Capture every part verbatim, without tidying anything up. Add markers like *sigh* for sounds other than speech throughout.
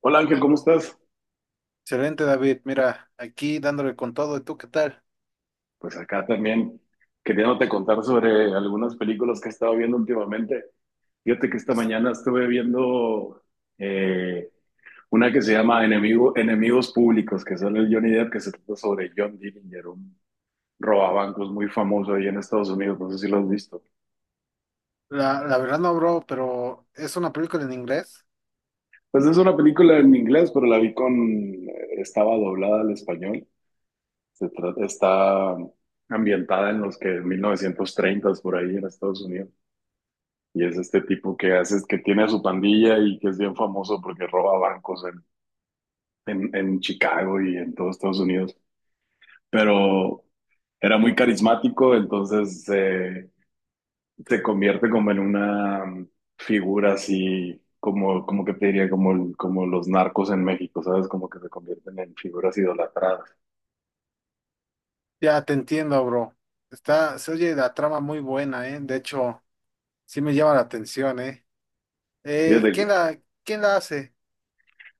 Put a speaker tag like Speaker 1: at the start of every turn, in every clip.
Speaker 1: Hola Ángel, ¿cómo estás?
Speaker 2: Excelente, David. Mira, aquí dándole con todo. ¿Y tú qué tal?
Speaker 1: Pues acá también queriéndote contar sobre algunas películas que he estado viendo últimamente. Fíjate que esta
Speaker 2: Pues,
Speaker 1: mañana estuve viendo eh, una que se llama Enemigo- Enemigos Públicos, que sale el Johnny Depp, que se trata sobre John Dillinger, un robabancos muy famoso ahí en Estados Unidos, no sé si lo has visto.
Speaker 2: la, la verdad no, bro, pero es una película en inglés.
Speaker 1: Pues es una película en inglés, pero la vi con, eh, estaba doblada al español. Se trata, está ambientada en los que mil novecientos treinta por ahí en Estados Unidos. Y es este tipo que hace, que tiene a su pandilla y que es bien famoso porque roba bancos en, en, en Chicago y en todos Estados Unidos. Pero era muy carismático, entonces eh, se convierte como en una mm, figura así, como, como que te diría, como, el- como los narcos en México, ¿sabes? Como que se convierten en figuras idolatradas.
Speaker 2: Ya te entiendo, bro. Está, se oye la trama muy buena, ¿eh? De hecho, sí me llama la atención, ¿eh? Eh,
Speaker 1: Fíjate,
Speaker 2: ¿quién la, quién la hace?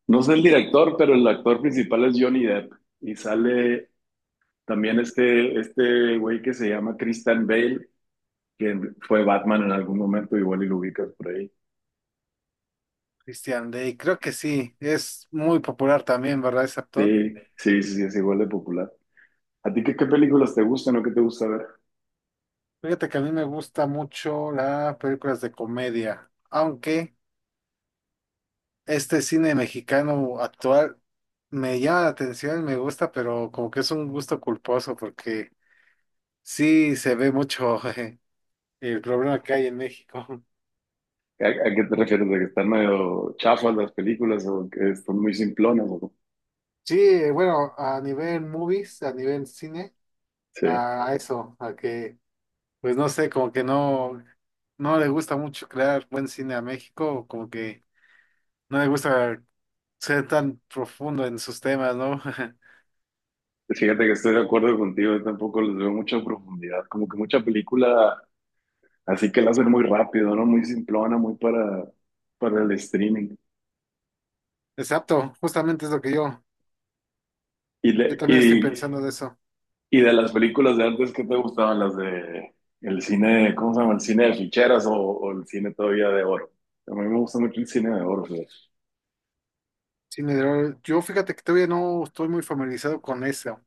Speaker 1: no sé el director, pero el actor principal es Johnny Depp y sale también este, este güey que se llama Christian Bale que fue Batman en algún momento, igual y lo ubicas por ahí.
Speaker 2: Christian Day, creo que sí. Es muy popular también, ¿verdad? Ese actor.
Speaker 1: Sí, sí, sí, sí, es igual de popular. ¿A ti qué, qué películas te gustan o qué te gusta ver?
Speaker 2: Fíjate que a mí me gusta mucho las películas de comedia, aunque este cine mexicano actual me llama la atención, me gusta, pero como que es un gusto culposo porque sí se ve mucho *laughs* eh, el problema que hay en México. *laughs*
Speaker 1: ¿A, a qué te refieres? ¿De que están medio chafas las películas o que son muy simplonas? ¿O cómo?
Speaker 2: Sí, eh, bueno, a nivel movies, a nivel cine,
Speaker 1: Sí,
Speaker 2: a a eso, a que, pues no sé, como que no, no le gusta mucho crear buen cine a México, como que no le gusta ser tan profundo en sus temas, ¿no?
Speaker 1: fíjate que estoy de acuerdo contigo, yo tampoco les veo mucha profundidad, como que mucha película así que la hacen muy rápido, ¿no? Muy simplona, muy para, para el streaming.
Speaker 2: *laughs* Exacto, justamente es lo que yo,
Speaker 1: Y,
Speaker 2: yo
Speaker 1: le-
Speaker 2: también estoy
Speaker 1: y
Speaker 2: pensando de eso.
Speaker 1: Y de las películas de antes, ¿qué te gustaban? Las de el cine, ¿cómo se llama? El cine de ficheras o, o el cine todavía de oro. A mí me gusta mucho el cine de oro, fíjate.
Speaker 2: Cine de horror. Yo fíjate que todavía no estoy muy familiarizado con eso,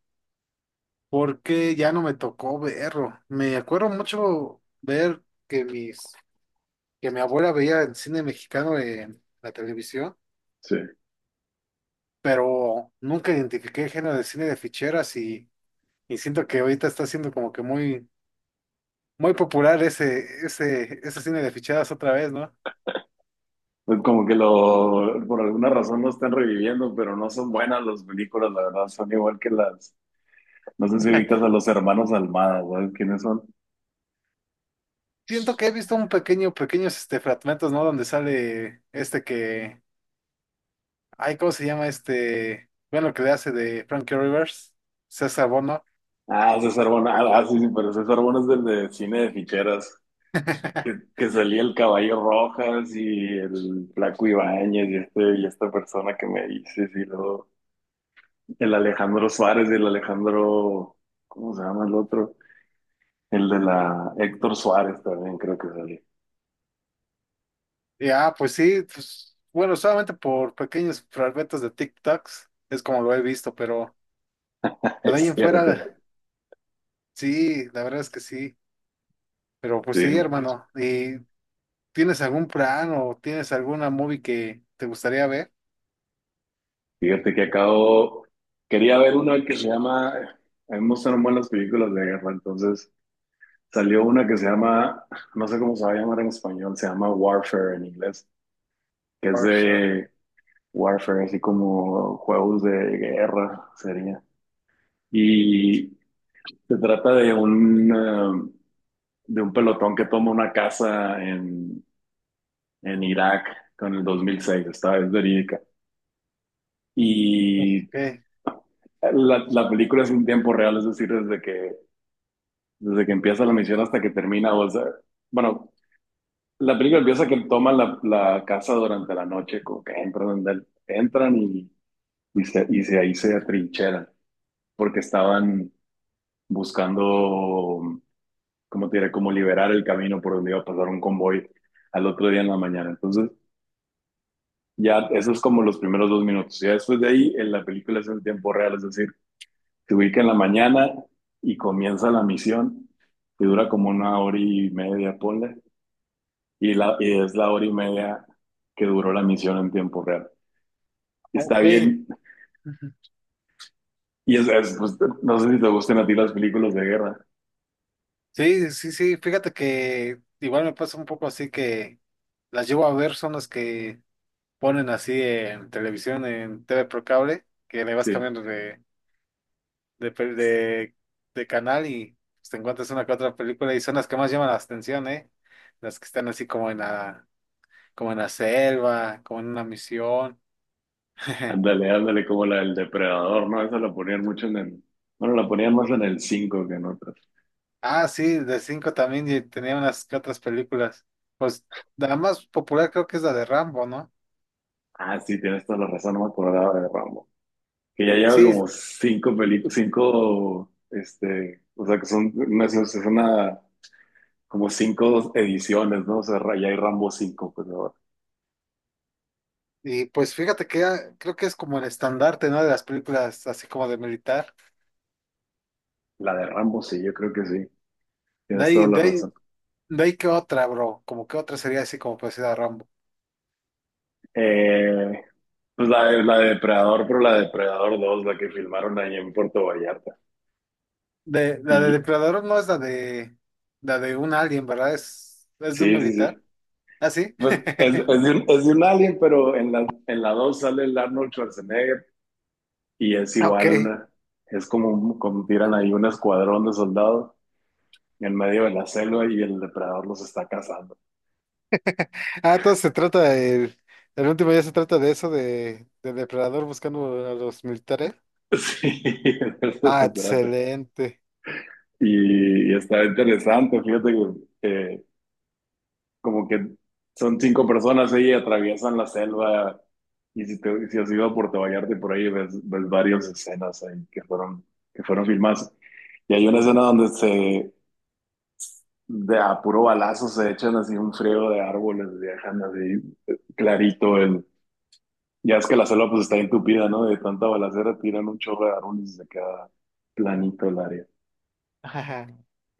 Speaker 2: porque ya no me tocó verlo. Me acuerdo mucho ver que mis, que mi abuela veía el cine mexicano en la televisión,
Speaker 1: Sí.
Speaker 2: pero nunca identifiqué el género de cine de ficheras y, y siento que ahorita está siendo como que muy, muy popular ese, ese, ese cine de ficheras otra vez, ¿no?
Speaker 1: Pues como que lo, por alguna razón lo están reviviendo, pero no son buenas las películas, la verdad, son igual que las, no sé si ubicas a los hermanos Almada, ¿sabes quiénes son?
Speaker 2: Siento que he visto un pequeño, pequeños este, fragmentos, ¿no? Donde sale este que, ay, ¿cómo se llama este? Bueno, lo que le hace de Frankie Rivers, César Bono.
Speaker 1: Ah, César Bona, ah, ah, sí, sí, pero César Bona es del de cine de ficheras, que,
Speaker 2: *laughs*
Speaker 1: que salía el Caballo Rojas y el Flaco Ibáñez y, este, y esta persona que me dices, y luego... El Alejandro Suárez y el Alejandro, ¿cómo se llama el otro? El de la Héctor Suárez también creo que salió.
Speaker 2: Y ah, pues sí, pues, bueno, solamente por pequeños fragmentos de TikToks, es como lo he visto, pero
Speaker 1: *laughs*
Speaker 2: de ahí
Speaker 1: Es
Speaker 2: en
Speaker 1: cierto.
Speaker 2: fuera, sí, la verdad es que sí. Pero pues sí,
Speaker 1: Sí,
Speaker 2: hermano, ¿y tienes algún plan o tienes alguna movie que te gustaría ver?
Speaker 1: fíjate que acabo, quería ver una que se llama, a mí me gustan buenas películas de guerra, entonces salió una que se llama, no sé cómo se va a llamar en español, se llama Warfare en inglés, que es
Speaker 2: For sure.
Speaker 1: de Warfare, así como juegos de guerra sería. Y se trata de un... um, de un pelotón que toma una casa en, en Irak con el dos mil seis, esta es verídica. Y
Speaker 2: Ok,
Speaker 1: la, la película es en tiempo real, es decir, desde que, desde que empieza la misión hasta que termina. O sea, bueno, la película empieza que toman la, la casa durante la noche, como que entran, entran y, y, se, y se- ahí se atrincheran, porque estaban buscando, como te diré, como liberar el camino por donde iba a pasar un convoy al otro día en la mañana. Entonces, ya, eso es como los primeros dos minutos. Ya después de ahí, en la película es en tiempo real, es decir, se ubica en la mañana y comienza la misión, que dura como una hora y media, ponle, y, la, y es la hora y media que duró la misión en tiempo real. Está
Speaker 2: ok.
Speaker 1: bien.
Speaker 2: Ujú.
Speaker 1: Y es, es, pues, no sé si te gustan a ti las películas de guerra.
Speaker 2: Sí, sí, sí, fíjate que igual me pasa un poco así que las llevo a ver son las que ponen así en televisión, en T V por cable, que le vas
Speaker 1: Sí,
Speaker 2: cambiando de, de, pel- de, de canal y pues, te encuentras una que otra película y son las que más llaman la atención, ¿eh? Las que están así como en la, como en la selva, como en una misión. *laughs*
Speaker 1: ándale, ándale, como la del Depredador, ¿no? Esa la ponían mucho en el. Bueno, la ponían más en el cinco que en otras.
Speaker 2: Ah, sí, de cinco también y tenía unas que otras películas. Pues la más popular creo que es la de Rambo, ¿no?
Speaker 1: Ah, sí, tienes toda la razón, no me acordaba de Rambo. Que ya lleva
Speaker 2: Sí,
Speaker 1: como cinco películas, cinco, este, o sea, que son, no sé, es una, como cinco ediciones, ¿no? O sea, ra- ya hay Rambo cinco pues ahora.
Speaker 2: y pues fíjate que ah, creo que es como el estandarte, ¿no? De las películas así como de militar.
Speaker 1: La de Rambo sí, yo creo que sí,
Speaker 2: De
Speaker 1: tienes toda
Speaker 2: ahí,
Speaker 1: la
Speaker 2: de ahí
Speaker 1: razón.
Speaker 2: De ahí que otra, bro. Como que otra sería así como parecida a Rambo.
Speaker 1: Eh, pues la de, la de Depredador, pero la de Depredador dos la que filmaron allá en Puerto Vallarta.
Speaker 2: De, la de
Speaker 1: Y
Speaker 2: Depredador, ¿no es la de la de un alien, verdad? Es, es de un
Speaker 1: sí, sí,
Speaker 2: militar.
Speaker 1: sí.
Speaker 2: ¿Ah, sí?
Speaker 1: Pues es, es de un, es de un alien, pero en la, en la dos sale el Arnold Schwarzenegger y es igual
Speaker 2: Ok.
Speaker 1: una, es como, un- como tiran ahí un escuadrón de soldados en medio de la selva y el depredador los está cazando.
Speaker 2: Ah, entonces se trata del el último ya se trata de eso, de, de depredador buscando a los militares.
Speaker 1: *laughs* Sí, de eso
Speaker 2: Ah,
Speaker 1: se trata.
Speaker 2: excelente.
Speaker 1: Y, y está interesante, fíjate que eh, como que son cinco personas ahí y atraviesan la selva. Y si, te, si has ido a Puerto Vallarta y por ahí ves, ves varias escenas ahí que fueron, que fueron filmadas. Y hay una escena donde se, de a puro balazo se echan así un frío de árboles, dejan así eh, clarito el, ya es que la selva pues está entupida, ¿no? De tanta balacera tiran un chorro de árboles y se queda planito el área.
Speaker 2: Ajá.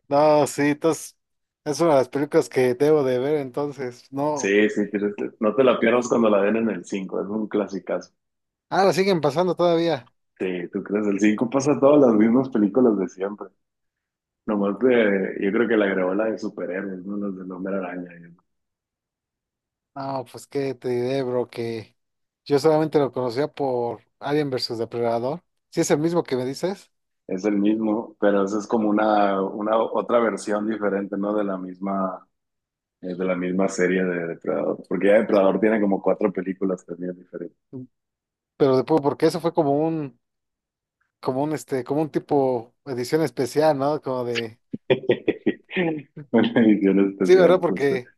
Speaker 2: No, sí, entonces es una de las películas que debo de ver entonces. No.
Speaker 1: Sí, sí, tienes- no te la pierdas cuando la den en el cinco es un clasicazo.
Speaker 2: Ah, la siguen pasando todavía.
Speaker 1: Sí, tú crees, el cinco pasa todas las mismas películas de siempre. Nomás que yo creo que la grabó la de superhéroes, ¿no? Las del Hombre Araña. Y eso.
Speaker 2: No, pues qué te diré, bro, que yo solamente lo conocía por Alien versus Depredador. Sí es el mismo que me dices,
Speaker 1: Es el mismo, pero eso es como una, una otra versión diferente, ¿no? De la misma, eh, de la misma serie de Depredador. Porque ya Depredador tiene como cuatro películas también diferentes.
Speaker 2: pero después porque eso fue como un, como un este, como un tipo edición especial, ¿no? Como de,
Speaker 1: *laughs* Una edición
Speaker 2: sí, ¿verdad?
Speaker 1: especial, justo.
Speaker 2: Porque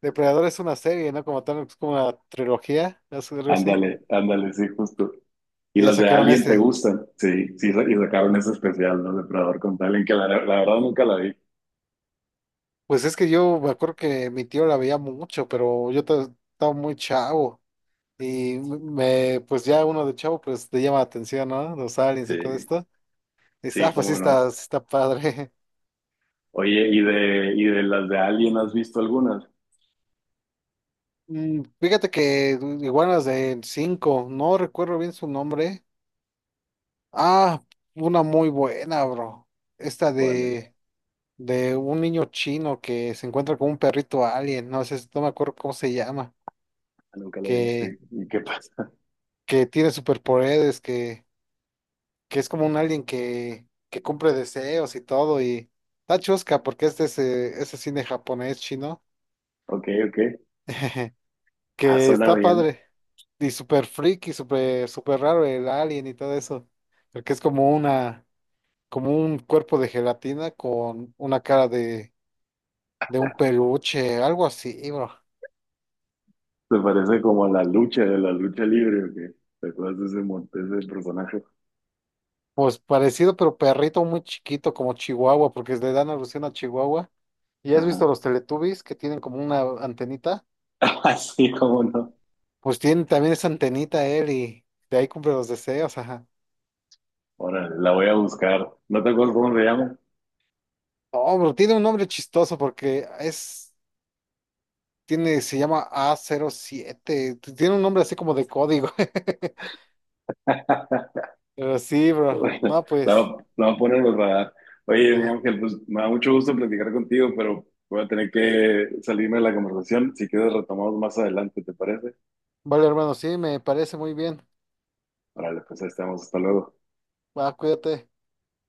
Speaker 2: Depredador es una serie, ¿no? Como tal, es como una trilogía, es algo así.
Speaker 1: Ándale, ándale, sí, justo. Y
Speaker 2: Y ya
Speaker 1: las de
Speaker 2: sacaron
Speaker 1: Alien te
Speaker 2: ese.
Speaker 1: gustan. Sí, sí, y sacaron ese especial, ¿no? Depredador con Alien, que la, la verdad nunca la vi.
Speaker 2: Pues es que yo me acuerdo que mi tío la veía mucho, pero yo ta- estaba muy chavo. Y me, pues ya uno de chavo, pues te llama la atención, ¿no? Los aliens y todo
Speaker 1: Sí,
Speaker 2: esto. Dice, ah,
Speaker 1: sí,
Speaker 2: pues sí
Speaker 1: cómo no.
Speaker 2: está, sí está padre. *laughs*
Speaker 1: Oye, ¿y de, y de las de Alien has visto algunas?
Speaker 2: Mm, fíjate que iguanas de cinco no recuerdo bien su nombre. Ah, una muy buena, bro. Esta
Speaker 1: Vale,
Speaker 2: de, de un niño chino que se encuentra con un perrito alien, no sé, no me acuerdo cómo se llama,
Speaker 1: nunca la
Speaker 2: que,
Speaker 1: viste. ¿Y qué pasa? *laughs*
Speaker 2: que tiene superpoderes, que, que es como un alien que, que cumple deseos y todo, y está chusca porque este es, de ese es cine japonés chino.
Speaker 1: Ok, ok.
Speaker 2: *laughs*
Speaker 1: Ah,
Speaker 2: Que
Speaker 1: suena
Speaker 2: está
Speaker 1: bien.
Speaker 2: padre. Y súper freaky, súper, súper raro el alien y todo eso. Porque es como una, como un cuerpo de gelatina con una cara de, de un peluche, algo así, bro.
Speaker 1: ¿Te parece como la lucha de la lucha libre o qué? ¿Te acuerdas de ese, mon- de ese personaje?
Speaker 2: Pues parecido, pero perrito muy chiquito, como Chihuahua, porque le dan alusión a Chihuahua. ¿Y has
Speaker 1: Ajá.
Speaker 2: visto los Teletubbies que tienen como una antenita?
Speaker 1: *laughs* Así cómo no.
Speaker 2: Pues tiene también esa antenita él y de ahí cumple los deseos, ajá.
Speaker 1: Órale, la voy a buscar. ¿No te acuerdas cómo se llama?
Speaker 2: Oh, bro, tiene un nombre chistoso porque es. Tiene, se llama A cero siete. t- Tiene un nombre así como de código. *laughs*
Speaker 1: *laughs*
Speaker 2: Pero sí, bro. No,
Speaker 1: La,
Speaker 2: pues.
Speaker 1: va- la va a poner en el radar. Oye, mi
Speaker 2: Ajá.
Speaker 1: Ángel, pues me da mucho gusto platicar contigo, pero voy a tener que salirme de la conversación. Si quieres, retomamos más adelante, ¿te parece?
Speaker 2: Vale, hermano, sí, me parece muy bien.
Speaker 1: Órale, pues ahí estamos. Hasta luego.
Speaker 2: Va, cuídate.